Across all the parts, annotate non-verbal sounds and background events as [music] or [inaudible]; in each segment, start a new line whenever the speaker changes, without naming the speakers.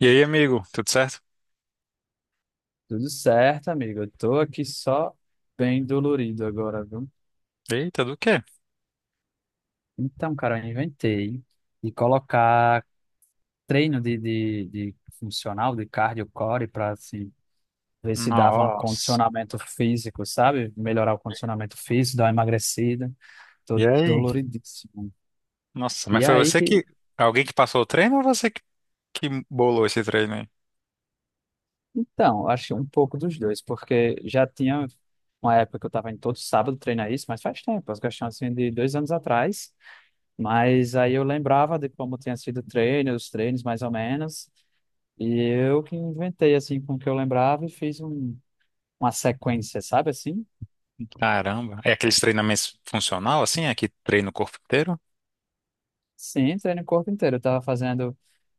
E aí, amigo, tudo certo?
Tudo certo, amigo. Eu tô aqui só bem dolorido agora, viu?
Eita, do quê?
Então, cara, eu inventei de colocar treino de funcional, de cardio core, pra assim, ver se dava um
Nossa.
condicionamento físico, sabe? Melhorar o condicionamento físico, dar uma emagrecida. Tô
E aí?
doloridíssimo.
Nossa, mas
E
foi
aí
você
que.
que. Alguém que passou o treino ou você que bolou esse treino aí?
Então, eu acho que um pouco dos dois, porque já tinha uma época que eu tava indo todo sábado treinar isso, mas faz tempo, as questões assim de dois anos atrás. Mas aí eu lembrava de como tinha sido o treino, os treinos mais ou menos, e eu que inventei assim com o que eu lembrava e uma sequência, sabe assim?
Caramba. É aqueles treinamentos funcional, assim? É que treina o corpo inteiro?
Sim, treino o corpo inteiro. Eu tava fazendo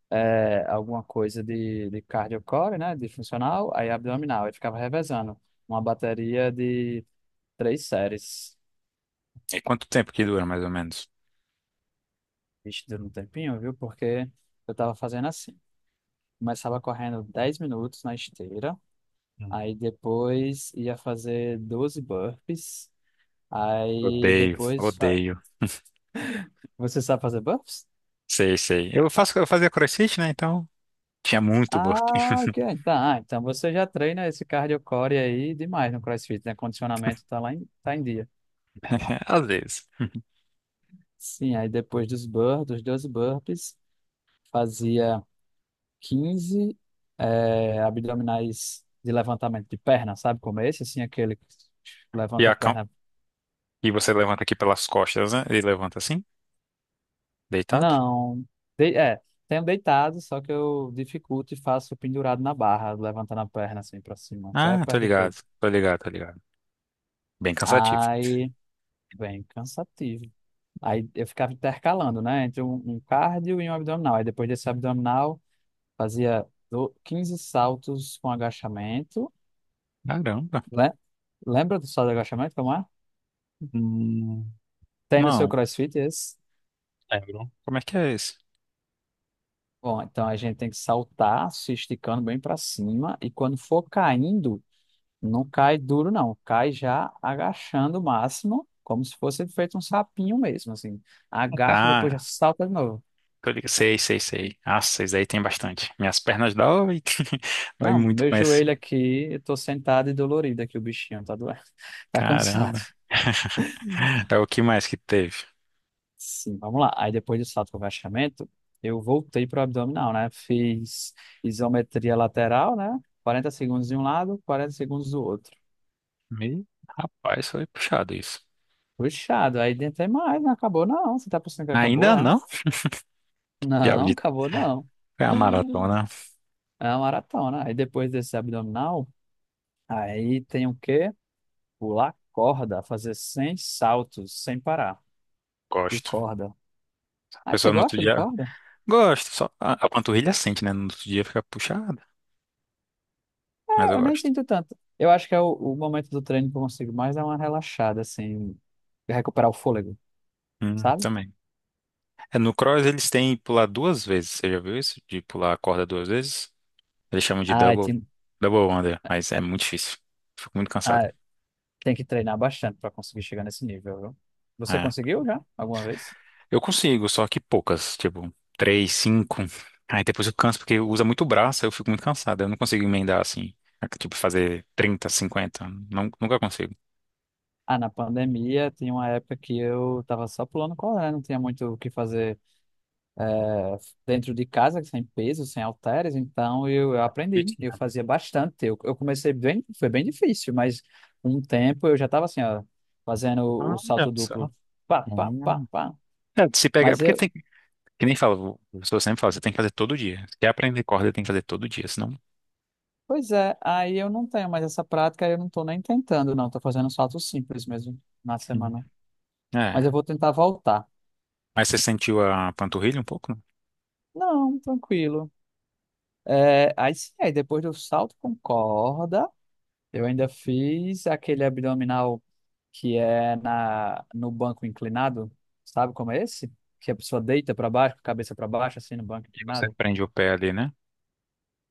alguma coisa de cardio core, né, de funcional, aí abdominal, aí ficava revezando uma bateria de três séries.
E quanto tempo que dura, mais ou menos?
Vixe, deu um tempinho, viu? Porque eu tava fazendo assim. Começava correndo 10 minutos na esteira,
Hum.
aí depois ia fazer 12 burpees. Aí
Odeio,
depois fa-
odeio.
Você sabe fazer buffs?
Sei, sei. Eu faço, eu fazia CrossFit, né? Então tinha muito burpee.
Ah, tá. Ah, então você já treina esse cardio core aí demais no CrossFit, né? Condicionamento tá em dia.
[laughs] Às vezes.
Sim, aí depois dos burpees, dos 12 burpees, fazia 15 abdominais de levantamento de perna, sabe como é esse? Assim, aquele que
E,
levanta a
a, cam-
perna.
e você levanta aqui pelas costas, né? Ele levanta assim, deitado?
Não, é, tenho deitado, só que eu dificulto e faço pendurado na barra, levantando a perna assim pra cima, até
Ah, tô
perto do
ligado,
peito.
tô ligado, tô ligado. Bem cansativo.
Aí bem cansativo. Aí eu ficava intercalando, né? Entre um cardio e um abdominal. Aí depois desse abdominal, 15 saltos com agachamento.
Caramba.
Le- Lembra do salto de agachamento, como é?
Hum,
Tem no seu
não,
CrossFit esse?
lembro. Como é que é esse?
Bom, então a gente tem que saltar, se esticando bem para cima. E quando for caindo, não cai duro, não. Cai já agachando o máximo, como se fosse feito um sapinho mesmo, assim.
Ah,
Agacha, depois já
tá.
salta de novo.
Tô ligado. Sei, sei, sei. Ah, vocês aí tem bastante. Minhas pernas dói. [laughs] Dói
Não,
muito,
meu
mas.
joelho aqui, eu tô sentado e dolorido aqui, o bichinho tá doendo, [laughs] tá cansado.
Caramba. É o que mais que teve?
Sim, vamos lá. Aí depois do salto com agachamento, eu voltei pro abdominal, né? Fiz isometria lateral, né? 40 segundos de um lado, 40 segundos do outro.
Me... Rapaz, foi puxado isso.
Puxado, aí tentei mais, não acabou não. Você tá pensando que acabou,
Ainda
é?
não? Diabo
Não,
de.
acabou não.
É a
[laughs]
maratona.
É uma maratona. Aí depois desse abdominal, aí tem o quê? Pular corda, fazer 100 saltos sem parar de
Gosto.
corda.
A
Ah, você
pessoa no outro
gosta de
dia.
corda?
Gosto. Só a panturrilha sente, né? No outro dia fica puxada. Mas
Ah,
eu
eu nem
gosto.
sinto tanto. Eu acho que é o momento do treino que eu consigo mais dar uma relaxada, assim, recuperar o fôlego, sabe?
Também. É, no cross eles têm pular duas vezes. Você já viu isso? De pular a corda duas vezes? Eles chamam de
Ah,
double,
tem,
double under, mas é muito difícil. Fico muito cansado.
ah, tem que treinar bastante para conseguir chegar nesse nível, viu? Você
É.
conseguiu já alguma vez?
Eu consigo, só que poucas, tipo, três, cinco. Aí depois eu canso porque usa muito o braço, aí eu fico muito cansado. Eu não consigo emendar assim, tipo, fazer 30 cinquenta. Não, nunca consigo.
Ah, na pandemia tinha uma época que eu tava só pulando corda, né? Não tinha muito o que fazer eh, dentro de casa, sem peso, sem halteres, então eu aprendi, eu
Vitinho.
fazia bastante. Eu comecei bem, foi bem difícil, mas um tempo eu já estava assim, ó, fazendo o salto
Olha
duplo,
só.
pá, pá, pá,
Hum.
pá.
É, se pegar,
Mas
porque
eu,
tem, que nem fala, o professor sempre fala, você tem que fazer todo dia. Se quer aprender corda, tem que fazer todo dia, senão.
Pois é, aí eu não tenho mais essa prática, eu não estou nem tentando, não, estou fazendo um salto simples mesmo na
Hum.
semana.
É.
Mas eu vou tentar voltar.
Mas você sentiu a panturrilha um pouco, né?
Não, tranquilo. É, aí sim, aí depois do salto com corda, eu ainda fiz aquele abdominal que é no banco inclinado, sabe como é esse? Que a pessoa deita para baixo, com a cabeça para baixo, assim, no banco
E você
inclinado.
prende o pé ali, né?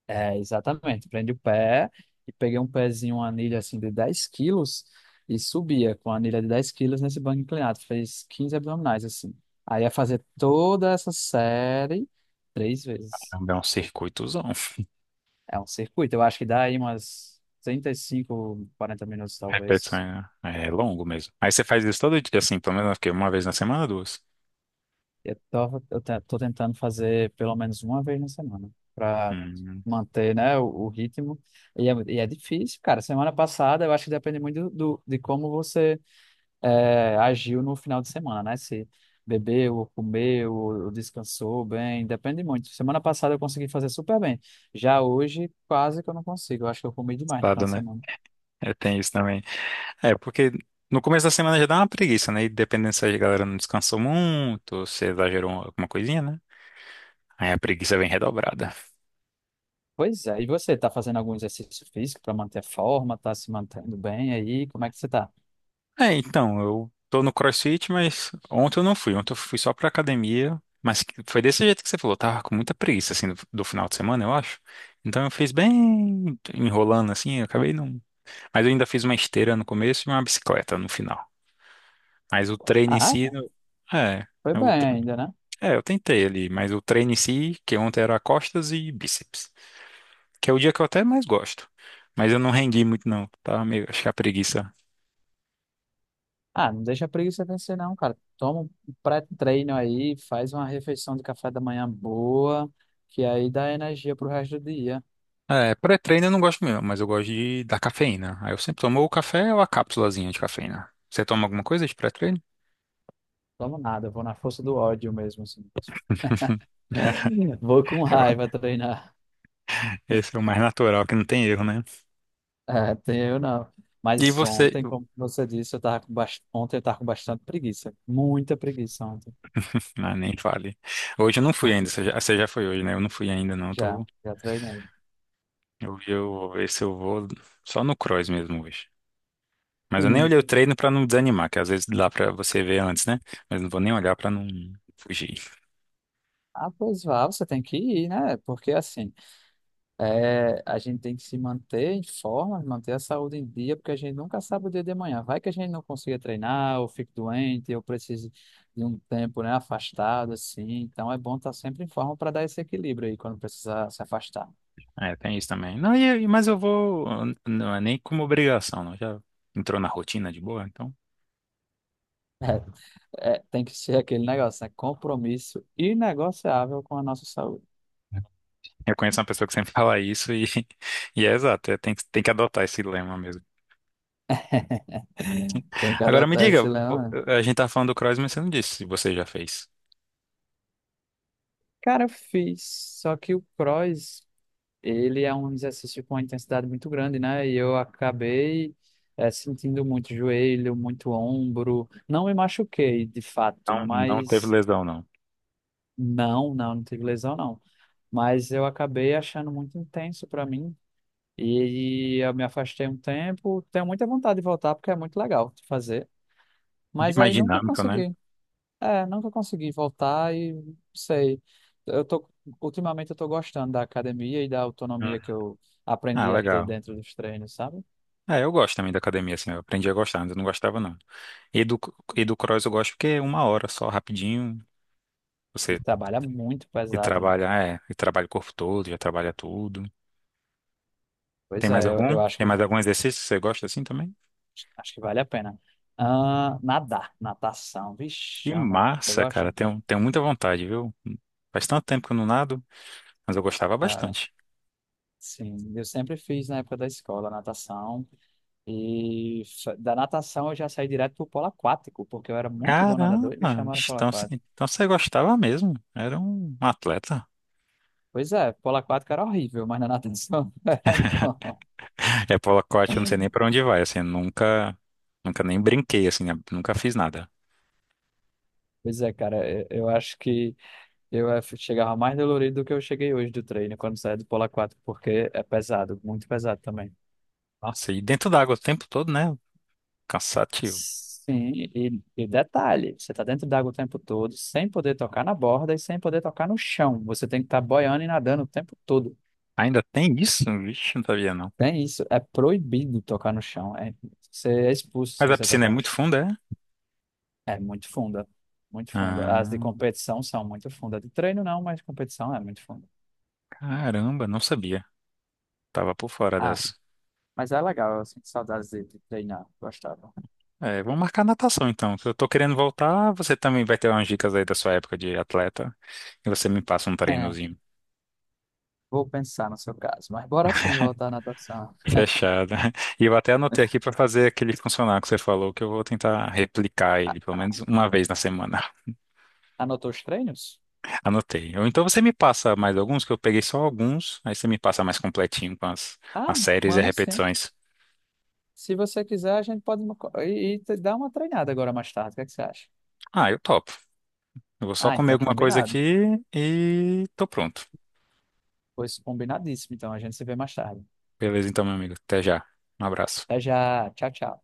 É, exatamente. Prende o pé e peguei um pezinho, uma anilha assim de 10 quilos e subia com a anilha de 10 quilos nesse banco inclinado. Fez 15 abdominais, assim. Aí ia fazer toda essa série três vezes.
É um circuitozão.
É um circuito. Eu acho que dá aí umas 35 40 minutos, talvez.
Repetições, né? É longo mesmo. Aí você faz isso todo dia, assim, pelo menos eu fiquei uma vez na semana, duas.
Eu tava, eu te- Tô tentando fazer pelo menos uma vez na semana para
Hum,
manter, né, o ritmo. E é difícil, cara. Semana passada, eu acho que depende muito de como você é, agiu no final de semana, né? Se bebeu, ou comeu, ou descansou bem, depende muito. Semana passada eu consegui fazer super bem. Já hoje, quase que eu não consigo. Eu acho que eu comi demais no final
estado,
de
né?
semana.
É, tem isso também. É, porque no começo da semana já dá uma preguiça, né? E dependendo se a galera não descansou muito, ou se exagerou alguma coisinha, né? Aí a preguiça vem redobrada.
Pois é. E você, tá fazendo algum exercício físico para manter a forma? Tá se mantendo bem aí? Como é que você tá?
É, então, eu tô no CrossFit, mas ontem eu não fui. Ontem eu fui só pra academia, mas foi desse jeito que você falou. Tava com muita preguiça, assim, do final de semana, eu acho. Então eu fiz bem enrolando, assim, eu acabei não. Mas eu ainda fiz uma esteira no começo e uma bicicleta no final. Mas o treino em si,
Ah,
é,
foi
eu,
bem
tre-
ainda, né?
eu tentei ali, mas o treino em si, que ontem era costas e bíceps, que é o dia que eu até mais gosto. Mas eu não rendi muito não, tá? Meio, acho que é a preguiça.
Ah, não deixa a preguiça vencer, não, cara. Toma um pré-treino aí, faz uma refeição de café da manhã boa, que aí dá energia pro resto do dia.
É, pré-treino eu não gosto mesmo, mas eu gosto de da cafeína. Aí eu sempre tomo o café ou a cápsulazinha de cafeína. Você toma alguma coisa de pré-treino?
Tomo nada, vou na força do ódio mesmo, assim.
[laughs]
[laughs] Vou com
É,
raiva treinar.
esse é o mais natural, que não tem erro, né?
É, tem eu não.
E
Mas
você?
ontem, como você disse, eu tava com bast... ontem eu tava com bastante preguiça. Muita preguiça ontem.
[laughs] Ah, nem fale. Hoje eu não fui ainda. Você já foi hoje, né? Eu não fui ainda, não.
Já, já treinei.
Eu vou ver se eu vou só no cross mesmo hoje. Mas eu nem
Sim.
olhei o treino pra não desanimar, que às vezes dá pra você ver antes, né? Mas não vou nem olhar pra não fugir.
Ah, pois vá, você tem que ir, né? Porque assim. É, a gente tem que se manter em forma, manter a saúde em dia, porque a gente nunca sabe o dia de amanhã. Vai que a gente não consiga treinar, ou fique doente, ou precise de um tempo, né, afastado, assim. Então é bom estar sempre em forma para dar esse equilíbrio aí quando precisar se afastar.
É, tem isso também. Não, e- Mas eu vou. Não é nem como obrigação, não. Já entrou na rotina de boa, então.
É, é, tem que ser aquele negócio, né? Compromisso inegociável com a nossa saúde.
Eu conheço uma pessoa que sempre [laughs] fala isso e, [laughs] e é exato. É, tem, tem que adotar esse lema mesmo.
[laughs] Tem que
Agora me
adotar esse
diga,
leão, né?
a gente tá falando do cross, mas você não disse se você já fez.
Cara, eu fiz, só que o cross, ele é um exercício com uma intensidade muito grande, né? E eu acabei sentindo muito joelho, muito ombro. Não me machuquei, de fato,
Não, não teve
mas
lesão, não.
não, não tive lesão, não. Mas eu acabei achando muito intenso para mim. E eu me afastei um tempo. Tenho muita vontade de voltar porque é muito legal de fazer. Mas
Mais
aí nunca
dinâmico, né?
consegui. É, nunca consegui voltar e não sei. Eu tô, Ultimamente eu tô gostando da academia e da
Uhum.
autonomia que eu
Ah,
aprendi a ter
legal.
dentro dos treinos, sabe?
Ah, eu gosto também da academia, assim, eu aprendi a gostar, antes eu não gostava, não. E do, e do cross eu gosto porque é uma hora só, rapidinho,
E
você
trabalha muito
e
pesado, né?
trabalha, é, e trabalha o corpo todo, já trabalha tudo.
Pois
Tem mais
é,
algum?
eu
Tem mais algum exercício que você gosta assim também?
acho que vale a pena. Ah, nadar, natação, vixe,
Que
amo. Você
massa,
gosta?
cara, tenho, tenho muita vontade, viu? Faz tanto tempo que eu não nado, mas eu gostava
Cara,
bastante.
sim. Eu sempre fiz na época da escola natação e da natação eu já saí direto pro polo aquático, porque eu era muito bom nadador e me
Caramba,
chamaram
bicho,
para o polo
então,
aquático.
então você gostava mesmo. Era um atleta.
Pois é, polo aquático era horrível, mas na natação [laughs] era bom.
É, polo aquático, eu não sei nem pra onde vai, assim, nunca, nunca nem brinquei, assim, né? Nunca fiz nada.
Pois é, cara, eu acho que eu chegava mais dolorido do que eu cheguei hoje do treino quando saí do polo aquático, porque é pesado, muito pesado também.
Nossa, e dentro d'água o tempo todo, né? Cansativo.
Sim, e detalhe, você tá dentro d'água o tempo todo, sem poder tocar na borda e sem poder tocar no chão. Você tem que estar boiando e nadando o tempo todo.
Ainda tem isso? Vixe, não sabia não.
Tem isso, é proibido tocar no chão. É, você é expulso se
Mas a
você
piscina é
tocar no
muito
chão.
funda, é?
É muito funda, muito funda. As de
Ah,
competição são muito funda. De treino não, mas competição é muito funda.
caramba, não sabia. Tava por fora
Ah,
dessa.
mas é legal, eu sinto saudades de treinar, gostava.
É, vamos marcar natação então. Se eu tô querendo voltar, você também vai ter umas dicas aí da sua época de atleta e você me passa um
É,
treinozinho.
vou pensar no seu caso, mas bora sim voltar à natação.
Fechado. [laughs] E eu até anotei aqui para fazer aquele funcionar que você falou, que eu vou tentar replicar ele pelo menos uma vez na semana. [laughs]
Anotou os treinos?
Anotei. Ou então você me passa mais alguns, que eu peguei só alguns, aí você me passa mais completinho com as,
Ah,
as séries e
mando sim.
repetições.
Se você quiser, a gente pode dar uma treinada agora mais tarde, o que é que você acha?
Ah, eu topo. Eu vou só
Ah,
comer
então
alguma coisa aqui
combinado.
e tô pronto.
Pois combinadíssimo, então a gente se vê mais tarde.
Beleza, então, meu amigo. Até já. Um abraço.
Até já, tchau, tchau.